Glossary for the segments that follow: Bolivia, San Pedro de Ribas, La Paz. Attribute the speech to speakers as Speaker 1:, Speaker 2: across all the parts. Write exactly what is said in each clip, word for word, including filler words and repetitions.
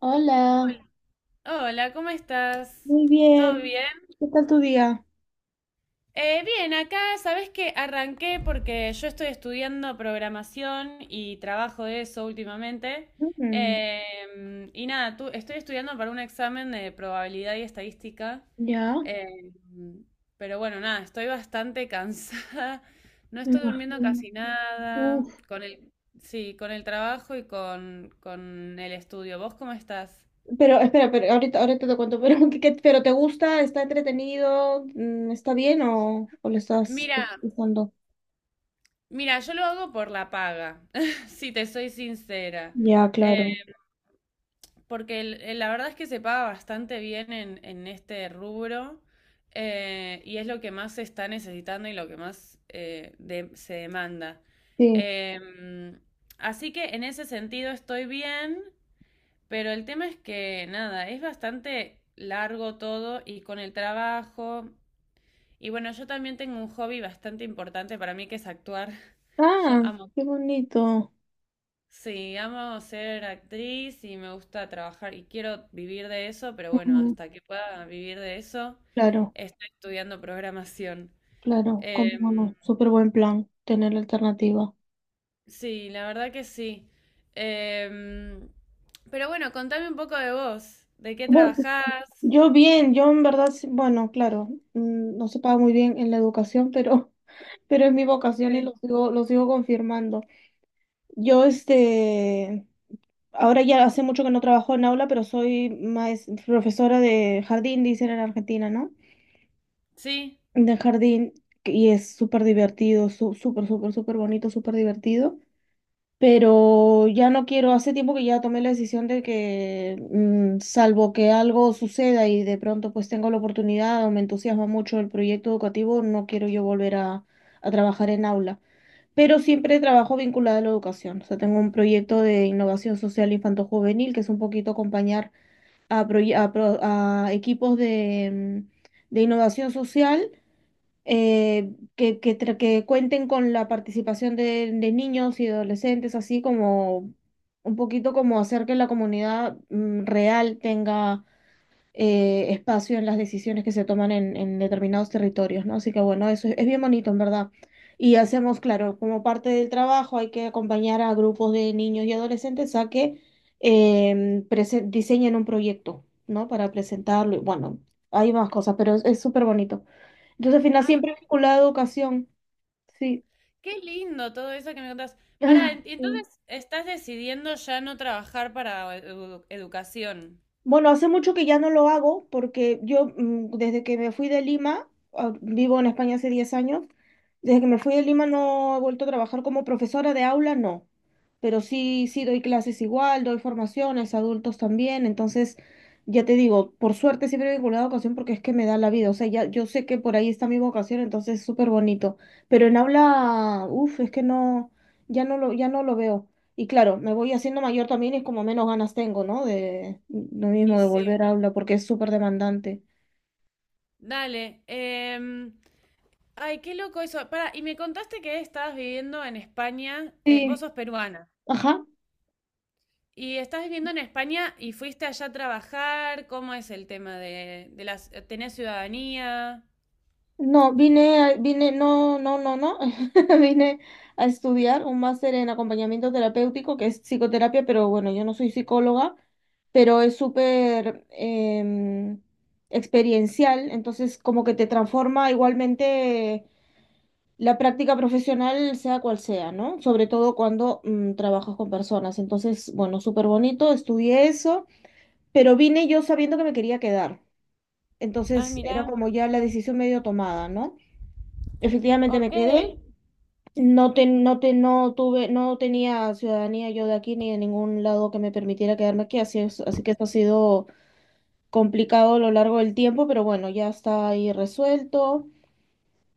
Speaker 1: Hola.
Speaker 2: Hola, ¿cómo estás?
Speaker 1: Muy
Speaker 2: ¿Todo
Speaker 1: bien.
Speaker 2: bien?
Speaker 1: ¿Qué tal tu día?
Speaker 2: Eh, bien, acá sabes que arranqué porque yo estoy estudiando programación y trabajo de eso últimamente.
Speaker 1: Mm,
Speaker 2: Eh, y nada, tú, estoy estudiando para un examen de probabilidad y estadística.
Speaker 1: ya.
Speaker 2: Eh, pero bueno, nada, estoy bastante cansada. No
Speaker 1: Me
Speaker 2: estoy durmiendo
Speaker 1: imagino.
Speaker 2: casi
Speaker 1: Uf.
Speaker 2: nada. Con el, sí, con el trabajo y con, con el estudio. ¿Vos cómo estás?
Speaker 1: Pero espera, pero ahorita, ahorita te cuento, pero, ¿qué- qué- pero ¿te gusta? ¿Está entretenido? Mm, ¿Está bien o, o le estás
Speaker 2: Mira,
Speaker 1: usando?
Speaker 2: Mira, yo lo hago por la paga, si te soy sincera.
Speaker 1: Ya,
Speaker 2: Eh,
Speaker 1: claro.
Speaker 2: Porque el- el- la verdad es que se paga bastante bien en, en este rubro, eh, y es lo que más se está necesitando y lo que más eh, de- se demanda.
Speaker 1: Sí.
Speaker 2: Em, Así que en ese sentido estoy bien, pero el tema es que nada, es bastante largo todo y con el trabajo. Y bueno, yo también tengo un hobby bastante importante para mí que es actuar. Yo
Speaker 1: Ah,
Speaker 2: amo.
Speaker 1: qué bonito.
Speaker 2: Sí, amo ser actriz y me gusta trabajar y quiero vivir de eso, pero bueno,
Speaker 1: Ujú,
Speaker 2: hasta que pueda vivir de eso,
Speaker 1: claro,
Speaker 2: estoy estudiando programación.
Speaker 1: claro, cómo
Speaker 2: Em,
Speaker 1: no. Súper buen plan tener la alternativa.
Speaker 2: sí, la verdad que sí. Em, pero bueno, contame un poco de vos, de qué
Speaker 1: Bueno,
Speaker 2: trabajás.
Speaker 1: yo bien, yo en verdad, sí- bueno, claro, mm, no se paga muy bien en la educación, pero pero es mi vocación y
Speaker 2: Sí.
Speaker 1: lo sigo, lo sigo confirmando. Yo, este, ahora ya hace mucho que no trabajo en aula, pero soy maes- profesora de jardín, dicen en Argentina, ¿no?
Speaker 2: Sí.
Speaker 1: De jardín, que- y es súper divertido, su- súper, súper, súper bonito, súper divertido. Pero ya no quiero, hace tiempo que ya tomé la decisión de que, mm, salvo que algo suceda y de pronto pues tengo la oportunidad o me entusiasma mucho el proyecto educativo, no quiero yo volver a a trabajar en aula, pero siempre trabajo vinculada a la educación. O sea, tengo un proyecto de innovación social infanto-juvenil que es un poquito acompañar a, proye- a pro- a equipos de, mm, de innovación social eh, que, que, tra- que cuenten con la participación de, de niños y adolescentes, así como un poquito como hacer que la comunidad mm, real tenga eh, espacio en las decisiones que se toman en, en determinados territorios, ¿no? Así que bueno, eso es, es bien bonito, en verdad. Y hacemos, claro, como parte del trabajo hay que acompañar a grupos de niños y adolescentes a que em, prese- diseñen un proyecto, ¿no? Para presentarlo. Y bueno, hay más cosas, pero es es súper bonito. Entonces, al final,
Speaker 2: Ay,
Speaker 1: siempre
Speaker 2: qué,
Speaker 1: vinculado a educación, sí.
Speaker 2: qué lindo todo eso que me contás. Para, entonces estás decidiendo ya no trabajar para edu- educación.
Speaker 1: Bueno, hace mucho que ya no lo hago porque yo mm, desde que me fui de Lima, ah, vivo en España hace diez años. Desde que me fui de Lima no he vuelto a trabajar como profesora de aula, no, pero sí, sí doy clases igual, doy formaciones, adultos también. Entonces ya te digo, por suerte siempre he vinculado a educación porque es que me da la vida. O sea, ya yo sé que por ahí está mi vocación, entonces es súper bonito, pero en aula, uff, es que no, ya no lo, ya no lo veo. Y claro, me voy haciendo mayor también y es como menos ganas tengo, ¿no? De lo mismo,
Speaker 2: Y
Speaker 1: de
Speaker 2: sí,
Speaker 1: volver a hablar porque es súper demandante.
Speaker 2: dale. em, Ay, qué loco eso. Para, y me contaste que estabas viviendo en España, eh, vos
Speaker 1: Sí,
Speaker 2: sos peruana,
Speaker 1: ajá.
Speaker 2: y estás viviendo en España y fuiste allá a trabajar, ¿cómo es el tema de, de las, tenés ciudadanía?
Speaker 1: No, vine, a- vine, no, no, no, no. Vine A estudiar un máster en acompañamiento terapéutico, que es psicoterapia, pero bueno, yo no soy psicóloga, pero es súper em, experiencial, entonces como que te transforma igualmente. La práctica profesional, sea cual sea, ¿no? Sobre todo cuando mm, trabajas con personas. Entonces, bueno, súper bonito, estudié eso, pero vine yo sabiendo que me quería quedar.
Speaker 2: Ah,
Speaker 1: Entonces, era
Speaker 2: mirá.
Speaker 1: como ya la decisión medio tomada, ¿no? Efectivamente me
Speaker 2: Ok,
Speaker 1: quedé. No te, no te, no tuve, no tenía ciudadanía yo de aquí ni de ningún lado que me permitiera quedarme aquí, así es, así que esto ha sido complicado a lo largo del tiempo, pero bueno, ya está ahí resuelto.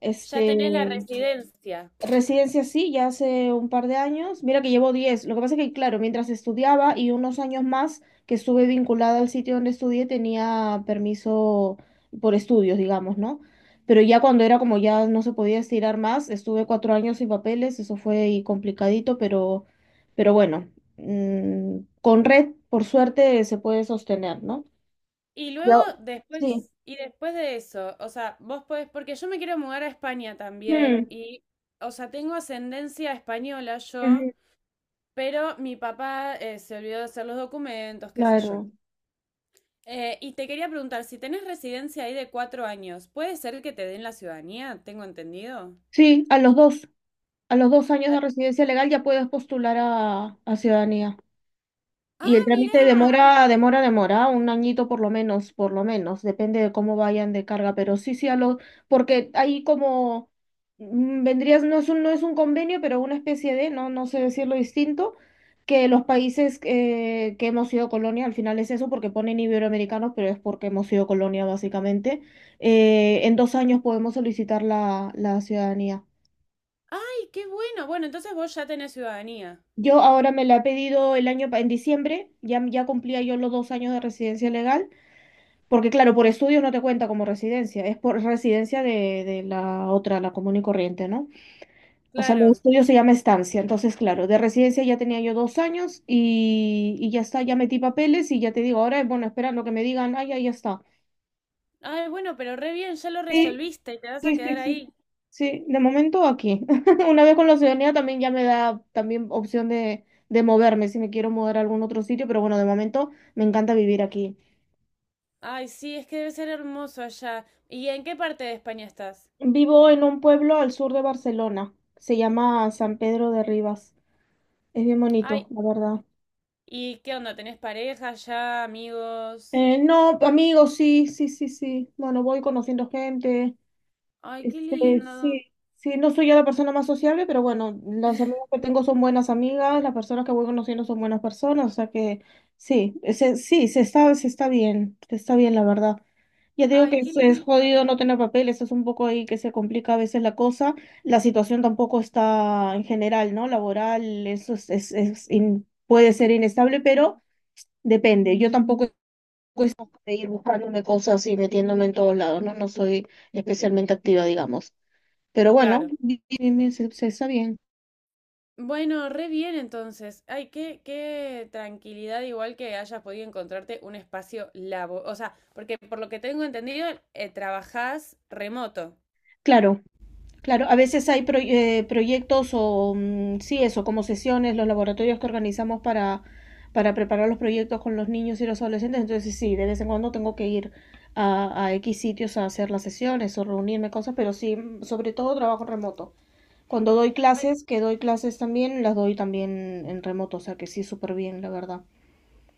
Speaker 1: Este,
Speaker 2: ya tenés la residencia.
Speaker 1: residencia sí, ya hace un par de años. Mira que llevo diez. Lo que pasa es que, claro, mientras estudiaba y unos años más que estuve vinculada al sitio donde estudié, tenía permiso por estudios, digamos, ¿no? Pero ya cuando era como ya no se podía estirar más, estuve cuatro años sin papeles, eso fue ahí complicadito, pero, pero bueno, mm, con red, por suerte, se puede sostener, ¿no?
Speaker 2: Y luego,
Speaker 1: Yo, sí.
Speaker 2: después, y después de eso, o sea, vos podés, porque yo me quiero mudar a España también,
Speaker 1: Mm,
Speaker 2: y, o sea, tengo ascendencia española yo,
Speaker 1: ujú,
Speaker 2: pero mi papá eh, se olvidó de hacer los documentos, qué sé yo.
Speaker 1: claro.
Speaker 2: Eh, y te quería preguntar, si tenés residencia ahí de cuatro años, ¿puede ser que te den la ciudadanía? ¿Tengo entendido?
Speaker 1: Sí, a los dos. A los dos años
Speaker 2: Ah,
Speaker 1: de residencia legal ya puedes postular a, a ciudadanía. Y el
Speaker 2: ah,
Speaker 1: trámite
Speaker 2: mirá.
Speaker 1: demora, demora, demora, un añito por lo menos, por lo menos, depende de cómo vayan de carga, pero sí, sí, a lo, porque ahí como mm, vendrías, no es un, no es un convenio, pero una especie de, no, no sé decirlo distinto, que los países eh, que hemos sido colonia, al final es eso, porque ponen iberoamericanos, pero es porque hemos sido colonia básicamente. Eh, en dos años podemos solicitar la, la ciudadanía.
Speaker 2: Ay, qué bueno. Bueno, entonces vos ya tenés ciudadanía.
Speaker 1: Yo ahora me la he pedido el año, pa- en diciembre. Ya, ya cumplía yo los dos años de residencia legal, porque claro, por estudios no te cuenta como residencia, es por residencia de, de la otra, la común y corriente, ¿no? O sea, los
Speaker 2: Claro.
Speaker 1: estudios se llama estancia, entonces claro, de residencia ya tenía yo dos años y, y ya está, ya metí papeles y ya te digo, ahora, bueno, esperando que me digan, ah, ya, ya está.
Speaker 2: Ay, bueno, pero re bien, ya lo
Speaker 1: sí
Speaker 2: resolviste y te vas a
Speaker 1: Sí, sí,
Speaker 2: quedar
Speaker 1: sí.
Speaker 2: ahí.
Speaker 1: Sí, de momento aquí. Una vez con la ciudadanía también ya me da también opción de, de moverme si me quiero mover a algún otro sitio, pero bueno, de momento me encanta vivir aquí.
Speaker 2: Ay, sí, es que debe ser hermoso allá. ¿Y en qué parte de España estás?
Speaker 1: Vivo en un pueblo al sur de Barcelona. Se llama San Pedro de Ribas. Es bien
Speaker 2: Ay,
Speaker 1: bonito, la verdad.
Speaker 2: ¿y qué onda? ¿Tenés pareja ya, amigos?
Speaker 1: Eh, no, amigos, sí, sí, sí, sí. Bueno, voy conociendo gente.
Speaker 2: Ay, qué
Speaker 1: Este,
Speaker 2: lindo.
Speaker 1: sí, sí, no soy yo la persona más sociable, pero bueno, las amigas que tengo son buenas amigas, las personas que voy conociendo son buenas personas, o sea que sí, se- sí, se está, se está bien, se está bien la verdad. Ya te digo
Speaker 2: Ay,
Speaker 1: que
Speaker 2: qué
Speaker 1: es,
Speaker 2: lindo.
Speaker 1: es jodido no tener papeles, es un poco ahí que se complica a veces la cosa. La situación tampoco está en general, ¿no? Laboral, eso es, es, es in- puede ser inestable, pero depende. Yo tampoco de ir buscándome cosas y metiéndome en todos lados, ¿no? No soy especialmente activa, digamos. Pero bueno,
Speaker 2: Claro.
Speaker 1: bi- bi- bi- se, se está bien.
Speaker 2: Bueno, re bien entonces. Ay, qué, qué tranquilidad igual que hayas podido encontrarte un espacio labo. O sea, porque por lo que tengo entendido, eh, trabajás remoto.
Speaker 1: Claro, claro. A veces hay pro- eh, proyectos o, mm, sí, eso, como sesiones, los laboratorios que organizamos para, para preparar los proyectos con los niños y los adolescentes. Entonces, sí, de vez en cuando tengo que ir a, a X sitios a hacer las sesiones o reunirme cosas, pero sí, mm, sobre todo trabajo remoto. Cuando doy clases, que doy clases también, las doy también en remoto, o sea que sí, súper bien, la verdad.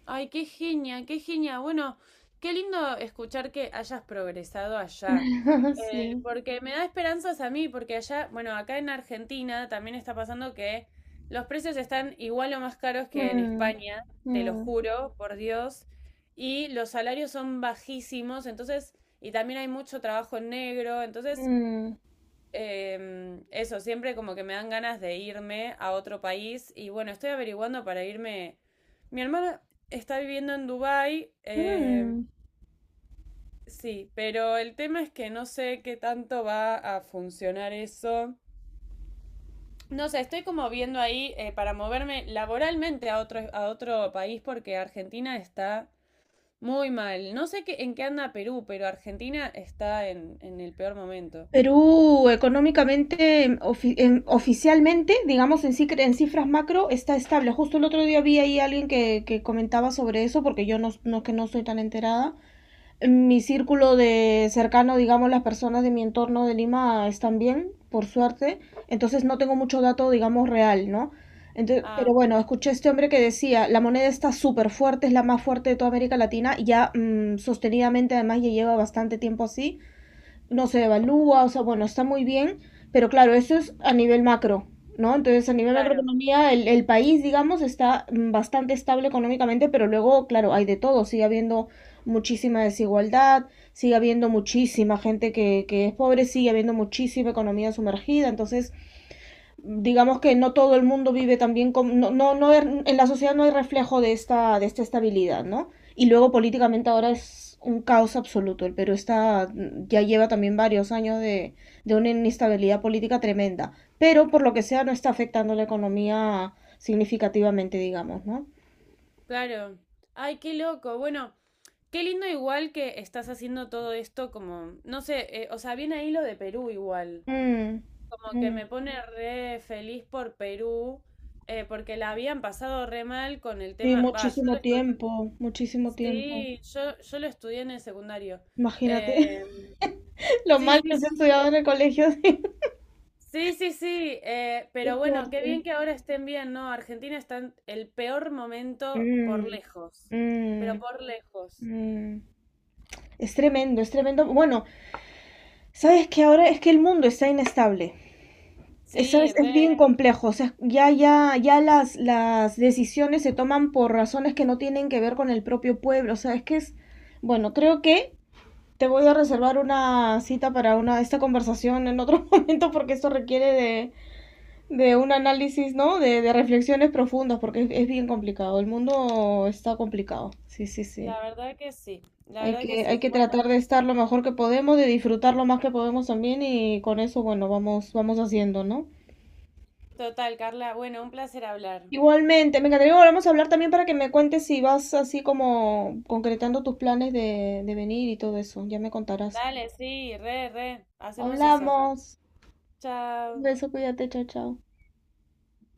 Speaker 2: Ay, qué genia, qué genia. Bueno, qué lindo escuchar que hayas progresado allá. Eh,
Speaker 1: Sí.
Speaker 2: porque me da esperanzas a mí, porque allá, bueno, acá en Argentina también está pasando que los precios están igual o más caros que en
Speaker 1: Mm,
Speaker 2: España, te lo
Speaker 1: mm,
Speaker 2: juro, por Dios, y los salarios son bajísimos, entonces, y también hay mucho trabajo en negro, entonces.
Speaker 1: mm,
Speaker 2: Em, eso, siempre como que me dan ganas de irme a otro país y bueno, estoy averiguando para irme. Mi hermana está viviendo en Dubái, em,
Speaker 1: mm.
Speaker 2: sí, pero el tema es que no sé qué tanto va a funcionar eso. No sé, estoy como viendo ahí eh, para moverme laboralmente a otro, a otro país porque Argentina está muy mal. No sé qué, en qué anda Perú, pero Argentina está en, en el peor momento.
Speaker 1: Perú económicamente, em, ofi- em, oficialmente, digamos en, cifra- en cifras macro, está estable. Justo el otro día vi ahí alguien que, que comentaba sobre eso, porque yo no, no que no soy tan enterada. En mi círculo de cercano, digamos, las personas de mi entorno de Lima están bien, por suerte. Entonces no tengo mucho dato, digamos, real, ¿no? Entonces,
Speaker 2: Ah,
Speaker 1: pero bueno, escuché a este hombre que decía, la moneda está súper fuerte, es la más fuerte de toda América Latina, y ya mm, sostenidamente además ya lleva bastante tiempo así no se devalúa, o sea, bueno, está muy bien, pero claro, eso es a nivel macro, ¿no? Entonces, a nivel
Speaker 2: claro,
Speaker 1: macroeconomía, el, el país, digamos, está mm, bastante estable económicamente, pero luego, claro, hay de todo, sigue habiendo muchísima desigualdad, sigue habiendo muchísima gente que, que es pobre, sigue habiendo muchísima economía sumergida, entonces digamos que no todo el mundo vive también con, no, no, no, en la sociedad no hay reflejo de esta, de esta estabilidad, ¿no? Y luego políticamente ahora es un caos absoluto. El Perú está, ya lleva también varios años de, de una inestabilidad política tremenda. Pero por lo que sea no está afectando la economía significativamente, digamos, ¿no?
Speaker 2: claro. Ay, qué loco. Bueno. Qué lindo igual que estás haciendo todo esto como, no sé, eh, o sea, viene ahí lo de Perú igual.
Speaker 1: Mm,
Speaker 2: Como que
Speaker 1: mm.
Speaker 2: me pone re feliz por Perú, eh, porque la habían pasado re mal con el
Speaker 1: Sí,
Speaker 2: tema. Va, yo lo
Speaker 1: muchísimo
Speaker 2: estudié.
Speaker 1: tiempo, muchísimo tiempo.
Speaker 2: Sí, yo, yo lo estudié en el secundario.
Speaker 1: Imagínate
Speaker 2: Eh,
Speaker 1: lo
Speaker 2: sí,
Speaker 1: mal
Speaker 2: sí,
Speaker 1: que se ha
Speaker 2: sí.
Speaker 1: estudiado en el colegio.
Speaker 2: Sí, sí, sí. Eh,
Speaker 1: Qué
Speaker 2: pero bueno, qué
Speaker 1: fuerte.
Speaker 2: bien que ahora estén bien, ¿no? Argentina está en el peor momento por
Speaker 1: Mm,
Speaker 2: lejos. Pero
Speaker 1: mm.
Speaker 2: por lejos.
Speaker 1: Mm, es tremendo, es tremendo. Bueno, sabes que ahora es que el mundo está inestable. Es, sabes,
Speaker 2: Sí,
Speaker 1: es bien
Speaker 2: re.
Speaker 1: complejo. O sea, ya, ya, ya las, las decisiones se toman por razones que no tienen que ver con el propio pueblo. O sea, es que es. Bueno, creo que te voy a reservar una cita para una, esta conversación en otro momento, porque esto requiere de, de un análisis, ¿no? De, de reflexiones profundas, porque es, es bien complicado. El mundo está complicado. Sí, sí, sí.
Speaker 2: La verdad que sí. La
Speaker 1: Hay
Speaker 2: verdad que
Speaker 1: que, hay
Speaker 2: sí.
Speaker 1: que
Speaker 2: Bueno.
Speaker 1: tratar de estar lo mejor que podemos, de disfrutar lo más que podemos también y con eso, bueno, vamos, vamos haciendo, ¿no?
Speaker 2: Total, Carla. Bueno, un placer hablar.
Speaker 1: Igualmente, me encantaría volvamos a hablar también para que me cuentes si vas así como concretando tus planes de, de venir y todo eso. Ya me contarás.
Speaker 2: Dale, sí, re, re. Hacemos eso.
Speaker 1: Hablamos. Un
Speaker 2: Chao.
Speaker 1: beso, cuídate, chao, chao.